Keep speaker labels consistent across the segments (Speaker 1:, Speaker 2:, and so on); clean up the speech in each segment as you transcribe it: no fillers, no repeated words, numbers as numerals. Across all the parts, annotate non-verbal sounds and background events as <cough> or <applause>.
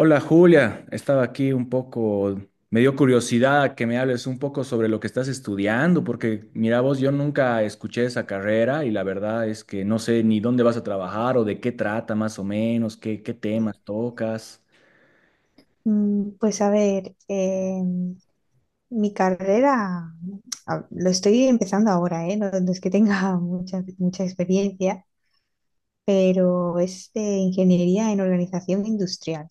Speaker 1: Hola Julia, estaba aquí un poco, me dio curiosidad que me hables un poco sobre lo que estás estudiando, porque mira vos, yo nunca escuché esa carrera y la verdad es que no sé ni dónde vas a trabajar o de qué trata más o menos, qué temas tocas.
Speaker 2: Pues a ver, mi carrera lo estoy empezando ahora, ¿eh? No, no es que tenga <laughs> mucha experiencia, pero es de ingeniería en organización industrial.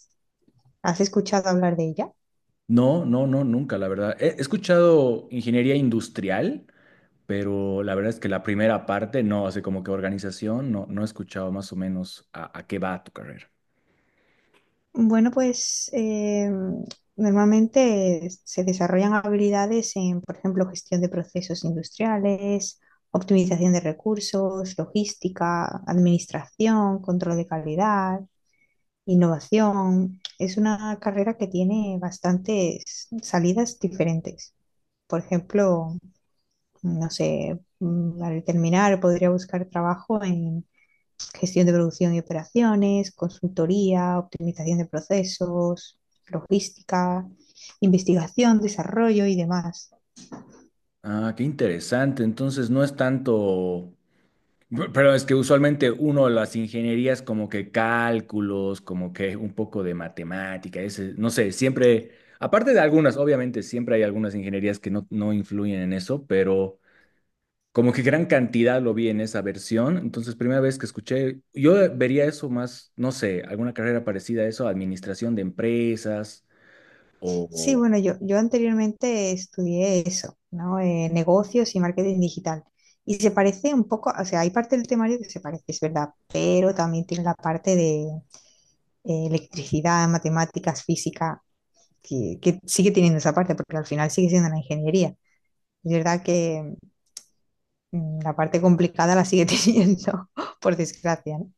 Speaker 2: ¿Has escuchado hablar de ella?
Speaker 1: No, nunca, la verdad. He escuchado ingeniería industrial, pero la verdad es que la primera parte, no, así como que organización, no, no he escuchado más o menos a qué va tu carrera.
Speaker 2: Bueno, pues normalmente se desarrollan habilidades en, por ejemplo, gestión de procesos industriales, optimización de recursos, logística, administración, control de calidad. Innovación es una carrera que tiene bastantes salidas diferentes. Por ejemplo, no sé, al terminar podría buscar trabajo en gestión de producción y operaciones, consultoría, optimización de procesos, logística, investigación, desarrollo y demás.
Speaker 1: Ah, qué interesante. Entonces no es tanto. Pero es que usualmente uno las ingenierías como que cálculos, como que un poco de matemática, ese, no sé, siempre, aparte de algunas, obviamente siempre hay algunas ingenierías que no, no influyen en eso, pero como que gran cantidad lo vi en esa versión, entonces primera vez que escuché, yo vería eso más, no sé, alguna carrera parecida a eso, administración de empresas
Speaker 2: Sí,
Speaker 1: o
Speaker 2: bueno, yo anteriormente estudié eso, ¿no? Negocios y marketing digital. Y se parece un poco, o sea, hay parte del temario que se parece, es verdad, pero también tiene la parte de electricidad, matemáticas, física, que sigue teniendo esa parte, porque al final sigue siendo una ingeniería. Es verdad que la parte complicada la sigue <laughs> teniendo, por desgracia, ¿no?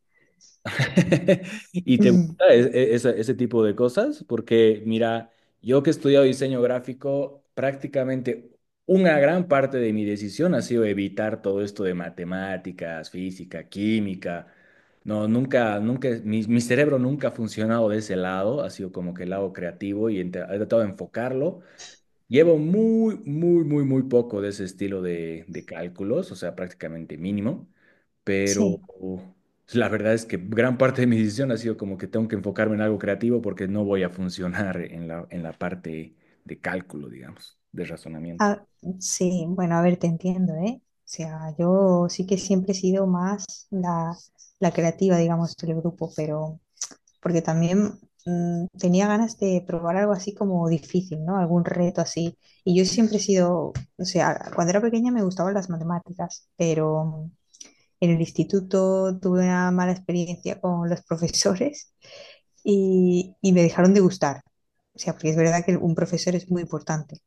Speaker 1: <laughs> ¿Y te
Speaker 2: Mm.
Speaker 1: gusta ese tipo de cosas? Porque mira, yo que he estudiado diseño gráfico, prácticamente una gran parte de mi decisión ha sido evitar todo esto de matemáticas, física, química. No, nunca, nunca, mi cerebro nunca ha funcionado de ese lado, ha sido como que el lado creativo y he tratado de enfocarlo. Llevo muy, muy, muy, muy poco de ese estilo de cálculos, o sea, prácticamente mínimo, pero
Speaker 2: Sí.
Speaker 1: la verdad es que gran parte de mi decisión ha sido como que tengo que enfocarme en algo creativo porque no voy a funcionar en la parte de cálculo, digamos, de razonamiento.
Speaker 2: Ah, sí, bueno, a ver, te entiendo, ¿eh? O sea, yo sí que siempre he sido más la creativa, digamos, del grupo, pero porque también tenía ganas de probar algo así como difícil, ¿no? Algún reto así. Y yo siempre he sido, o sea, cuando era pequeña me gustaban las matemáticas, pero en el instituto tuve una mala experiencia con los profesores y me dejaron de gustar. O sea, porque es verdad que un profesor es muy importante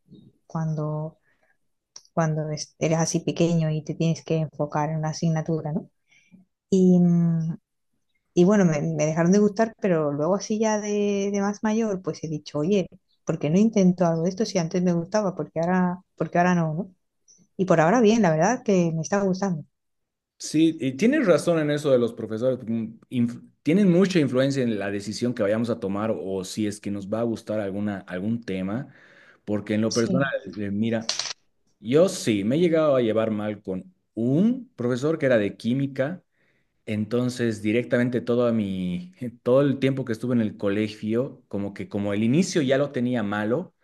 Speaker 2: cuando eres así pequeño y te tienes que enfocar en una asignatura, ¿no? Y, y bueno, me dejaron de gustar, pero luego así ya de más mayor, pues he dicho, oye, ¿por qué no intento algo de esto si antes me gustaba? ¿Porque ahora no, no? Y por ahora bien, la verdad que me está gustando.
Speaker 1: Sí, y tienes razón en eso de los profesores, porque, tienen mucha influencia en la decisión que vayamos a tomar o si es que nos va a gustar alguna, algún tema, porque en lo personal,
Speaker 2: Sí,
Speaker 1: mira. Yo sí, me he llegado a llevar mal con un profesor que era de química, entonces directamente todo mi, <laughs> todo el tiempo que estuve en el colegio, como que como el inicio ya lo tenía malo,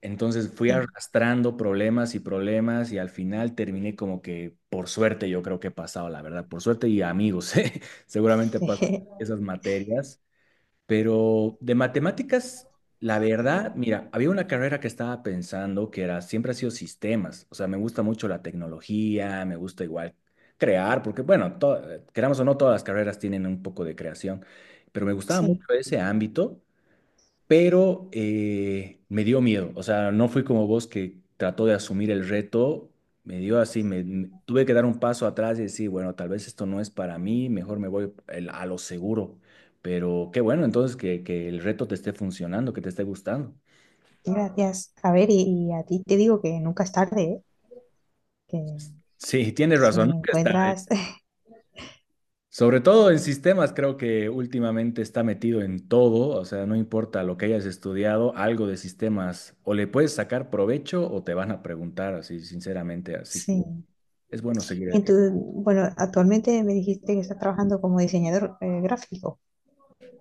Speaker 1: entonces fui
Speaker 2: sí,
Speaker 1: arrastrando problemas y problemas y al final terminé como que por suerte yo creo que he pasado, la verdad, por suerte y amigos, <laughs> ¿eh? Seguramente pasan
Speaker 2: <laughs>
Speaker 1: esas materias. Pero de matemáticas, la verdad, mira, había una carrera que estaba pensando que era, siempre ha sido sistemas. O sea, me gusta mucho la tecnología, me gusta igual crear, porque bueno, queramos o no, todas las carreras tienen un poco de creación, pero me gustaba mucho
Speaker 2: sí,
Speaker 1: ese ámbito, pero me dio miedo. O sea, no fui como vos que trató de asumir el reto. Me dio así, tuve que dar un paso atrás y decir, bueno, tal vez esto no es para mí, mejor me voy a lo seguro. Pero qué bueno, entonces que el reto te esté funcionando, que te esté gustando.
Speaker 2: gracias. A ver, y a ti te digo que nunca es tarde, ¿eh? Que
Speaker 1: Sí, tienes
Speaker 2: si
Speaker 1: razón, nunca está. Tarde.
Speaker 2: encuentras, <laughs>
Speaker 1: Sobre todo en sistemas, creo que últimamente está metido en todo, o sea, no importa lo que hayas estudiado, algo de sistemas, o le puedes sacar provecho o te van a preguntar, así, sinceramente, así que...
Speaker 2: sí.
Speaker 1: Es bueno
Speaker 2: Y
Speaker 1: seguir.
Speaker 2: entonces, bueno, actualmente me dijiste que estás trabajando como diseñador gráfico.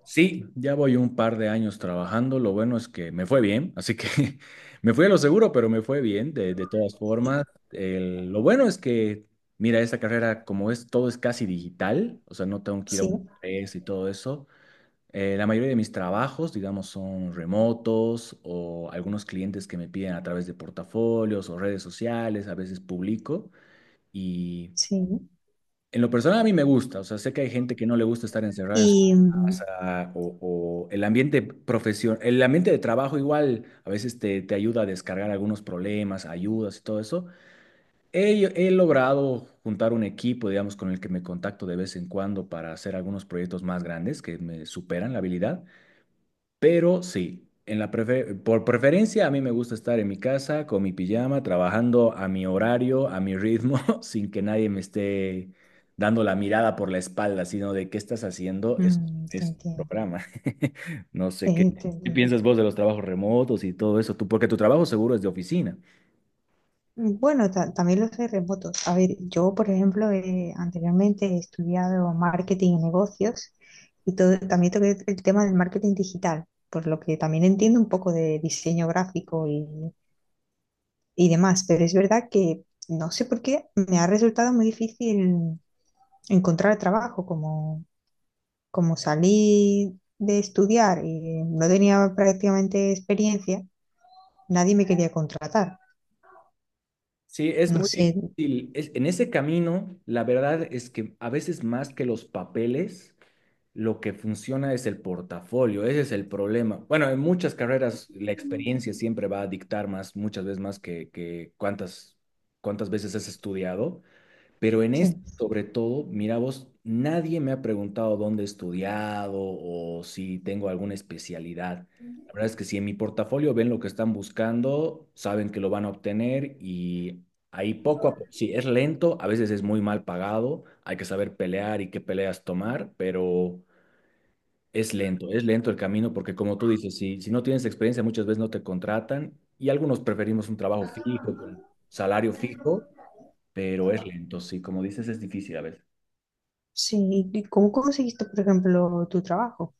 Speaker 1: Sí, ya voy un par de años trabajando. Lo bueno es que me fue bien, así que <laughs> me fui a lo seguro, pero me fue bien de todas formas. Lo bueno es que, mira, esta carrera, como es todo es casi digital, o sea, no tengo que ir a
Speaker 2: Sí,
Speaker 1: un empresa y todo eso. Eh, la mayoría de mis trabajos, digamos, son remotos o algunos clientes que me piden a través de portafolios o redes sociales, a veces publico. Y
Speaker 2: sí.
Speaker 1: en lo personal a mí me gusta, o sea, sé que hay gente que no le gusta estar encerrada en su
Speaker 2: Y
Speaker 1: pasa, o el ambiente profesión, el ambiente de trabajo igual a veces te, te ayuda a descargar algunos problemas, ayudas y todo eso. He logrado juntar un equipo, digamos, con el que me contacto de vez en cuando para hacer algunos proyectos más grandes que me superan la habilidad. Pero sí, en la por preferencia a mí me gusta estar en mi casa con mi pijama, trabajando a mi horario, a mi ritmo, <laughs> sin que nadie me esté dando la mirada por la espalda, sino de qué estás haciendo,
Speaker 2: te
Speaker 1: es
Speaker 2: entiendo.
Speaker 1: programa. <laughs> No sé qué,
Speaker 2: Te
Speaker 1: qué
Speaker 2: entiendo.
Speaker 1: piensas vos de los trabajos remotos y todo eso, tú, porque tu trabajo seguro es de oficina.
Speaker 2: Bueno, también los hay remotos. A ver, yo, por ejemplo, anteriormente he estudiado marketing y negocios y todo, también toqué el tema del marketing digital, por lo que también entiendo un poco de diseño gráfico y demás, pero es verdad que no sé por qué me ha resultado muy difícil encontrar trabajo como salí de estudiar y no tenía prácticamente experiencia, nadie me quería contratar.
Speaker 1: Sí, es
Speaker 2: No
Speaker 1: muy
Speaker 2: sé,
Speaker 1: difícil. En ese camino, la verdad es que a veces más que los papeles. Lo que funciona es el portafolio, ese es el problema. Bueno, en muchas carreras la experiencia siempre va a dictar más, muchas veces más que, cuántas veces has estudiado, pero en este,
Speaker 2: sí.
Speaker 1: sobre todo, mira vos, nadie me ha preguntado dónde he estudiado o si tengo alguna especialidad. La verdad es que si en mi portafolio ven lo que están buscando, saben que lo van a obtener y ahí poco a poco, sí, es lento, a veces es muy mal pagado, hay que saber pelear y qué peleas tomar, pero... es lento el camino porque como tú dices, si no tienes experiencia muchas veces no te contratan y algunos preferimos un trabajo fijo, con salario fijo, pero es lento, sí, como dices es difícil a veces.
Speaker 2: Sí, ¿y cómo conseguiste, por ejemplo, tu trabajo?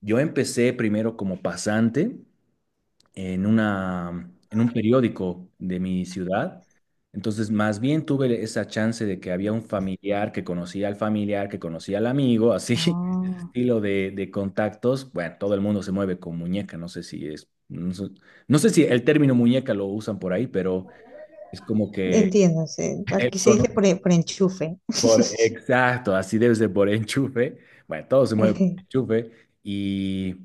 Speaker 1: Yo empecé primero como pasante en un periódico de mi ciudad. Entonces, más bien tuve esa chance de que había un familiar que conocía al familiar, que conocía al amigo, así, <laughs> ese
Speaker 2: Ah,
Speaker 1: estilo de contactos. Bueno, todo el mundo se mueve con muñeca, no sé si es, no sé, no sé si el término muñeca lo usan por ahí, pero es como que
Speaker 2: entiendo, sí.
Speaker 1: él
Speaker 2: Aquí se dice
Speaker 1: conoce-
Speaker 2: por, e, por enchufe. <laughs>
Speaker 1: exacto, así debe ser por enchufe. Bueno, todo se mueve por
Speaker 2: Qué
Speaker 1: enchufe y...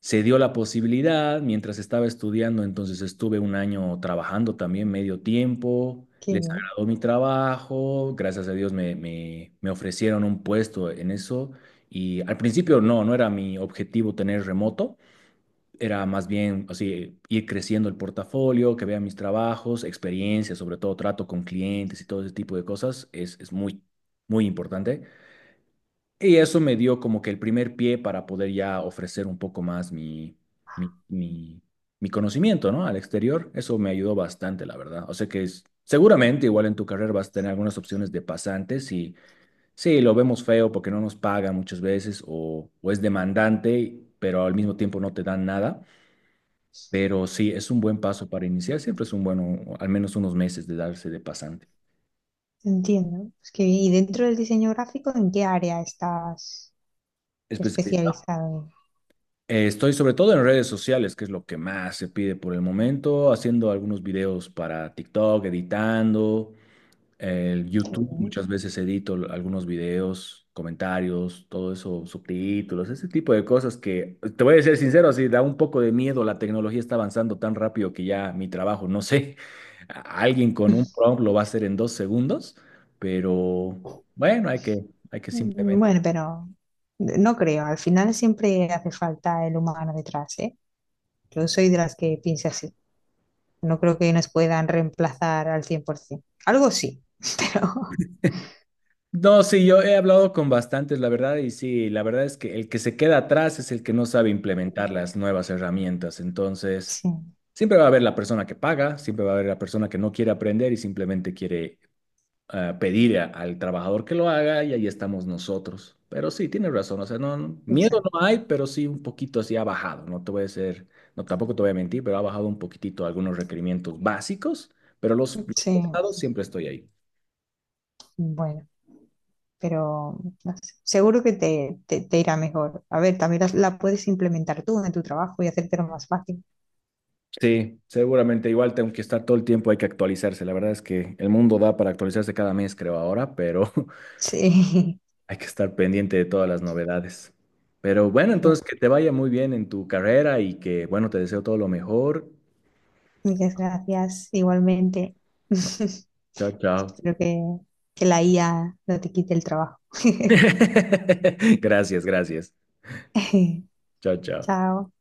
Speaker 1: Se dio la posibilidad, mientras estaba estudiando, entonces estuve un año trabajando también medio tiempo, les
Speaker 2: bien,
Speaker 1: agradó mi trabajo, gracias a Dios me ofrecieron un puesto en eso y al principio no, no era mi objetivo tener remoto, era más bien así, ir creciendo el portafolio, que vean mis trabajos, experiencias, sobre todo trato con clientes y todo ese tipo de cosas, es muy, muy importante. Y eso me dio como que el primer pie para poder ya ofrecer un poco más mi, mi- mi conocimiento, ¿no? Al exterior. Eso me ayudó bastante, la verdad. O sea que seguramente igual en tu carrera vas a tener algunas opciones de pasantes y sí, lo vemos feo porque no nos pagan muchas veces o es demandante, pero al mismo tiempo no te dan nada. Pero sí, es un buen paso para iniciar. Siempre es un bueno, al menos unos meses de darse de pasante.
Speaker 2: entiendo. Es que, y dentro del diseño gráfico, ¿en qué área estás especializado?
Speaker 1: Estoy sobre todo en redes sociales, que es lo que más se pide por el momento, haciendo algunos videos para TikTok, editando, el
Speaker 2: Qué
Speaker 1: YouTube,
Speaker 2: bien.
Speaker 1: muchas veces edito algunos videos, comentarios, todo eso, subtítulos, ese tipo de cosas que, te voy a ser sincero, sí da un poco de miedo, la tecnología está avanzando tan rápido que ya mi trabajo, no sé, <laughs> alguien con un prompt lo va a hacer en 2 segundos, pero bueno, hay que simplemente...
Speaker 2: Bueno, pero no creo, al final siempre hace falta el humano detrás, ¿eh? Yo soy de las que piensa así. No creo que nos puedan reemplazar al 100%. Algo sí, <laughs> pero
Speaker 1: No, sí, yo he hablado con bastantes, la verdad, y sí, la verdad es que el que se queda atrás es el que no sabe implementar las nuevas herramientas. Entonces,
Speaker 2: sí,
Speaker 1: siempre va a haber la persona que paga, siempre va a haber la persona que no quiere aprender y simplemente quiere, ah, pedir al trabajador que lo haga y ahí estamos nosotros. Pero sí, tienes razón, o sea, miedo no
Speaker 2: exacto.
Speaker 1: hay, pero sí un poquito así ha bajado, no te voy a decir, no, tampoco te voy a mentir, pero ha bajado un poquitito algunos requerimientos básicos, pero los
Speaker 2: Sí,
Speaker 1: pesados siempre estoy ahí.
Speaker 2: bueno, pero no sé, seguro que te irá mejor. A ver, también puedes implementar tú en tu trabajo y hacértelo más fácil.
Speaker 1: Sí, seguramente igual tengo que estar todo el tiempo, hay que actualizarse. La verdad es que el mundo da para actualizarse cada mes, creo ahora, pero <laughs>
Speaker 2: Sí,
Speaker 1: hay que estar pendiente de todas las novedades. Pero bueno,
Speaker 2: <laughs>
Speaker 1: entonces
Speaker 2: cierto.
Speaker 1: que te vaya muy bien en tu carrera y que, bueno, te deseo todo lo mejor.
Speaker 2: Muchas gracias, igualmente. <laughs> Espero
Speaker 1: Chao, chao.
Speaker 2: que, que la IA no te quite el trabajo.
Speaker 1: <laughs> Gracias, gracias.
Speaker 2: <laughs>
Speaker 1: Chao, chao.
Speaker 2: Chao.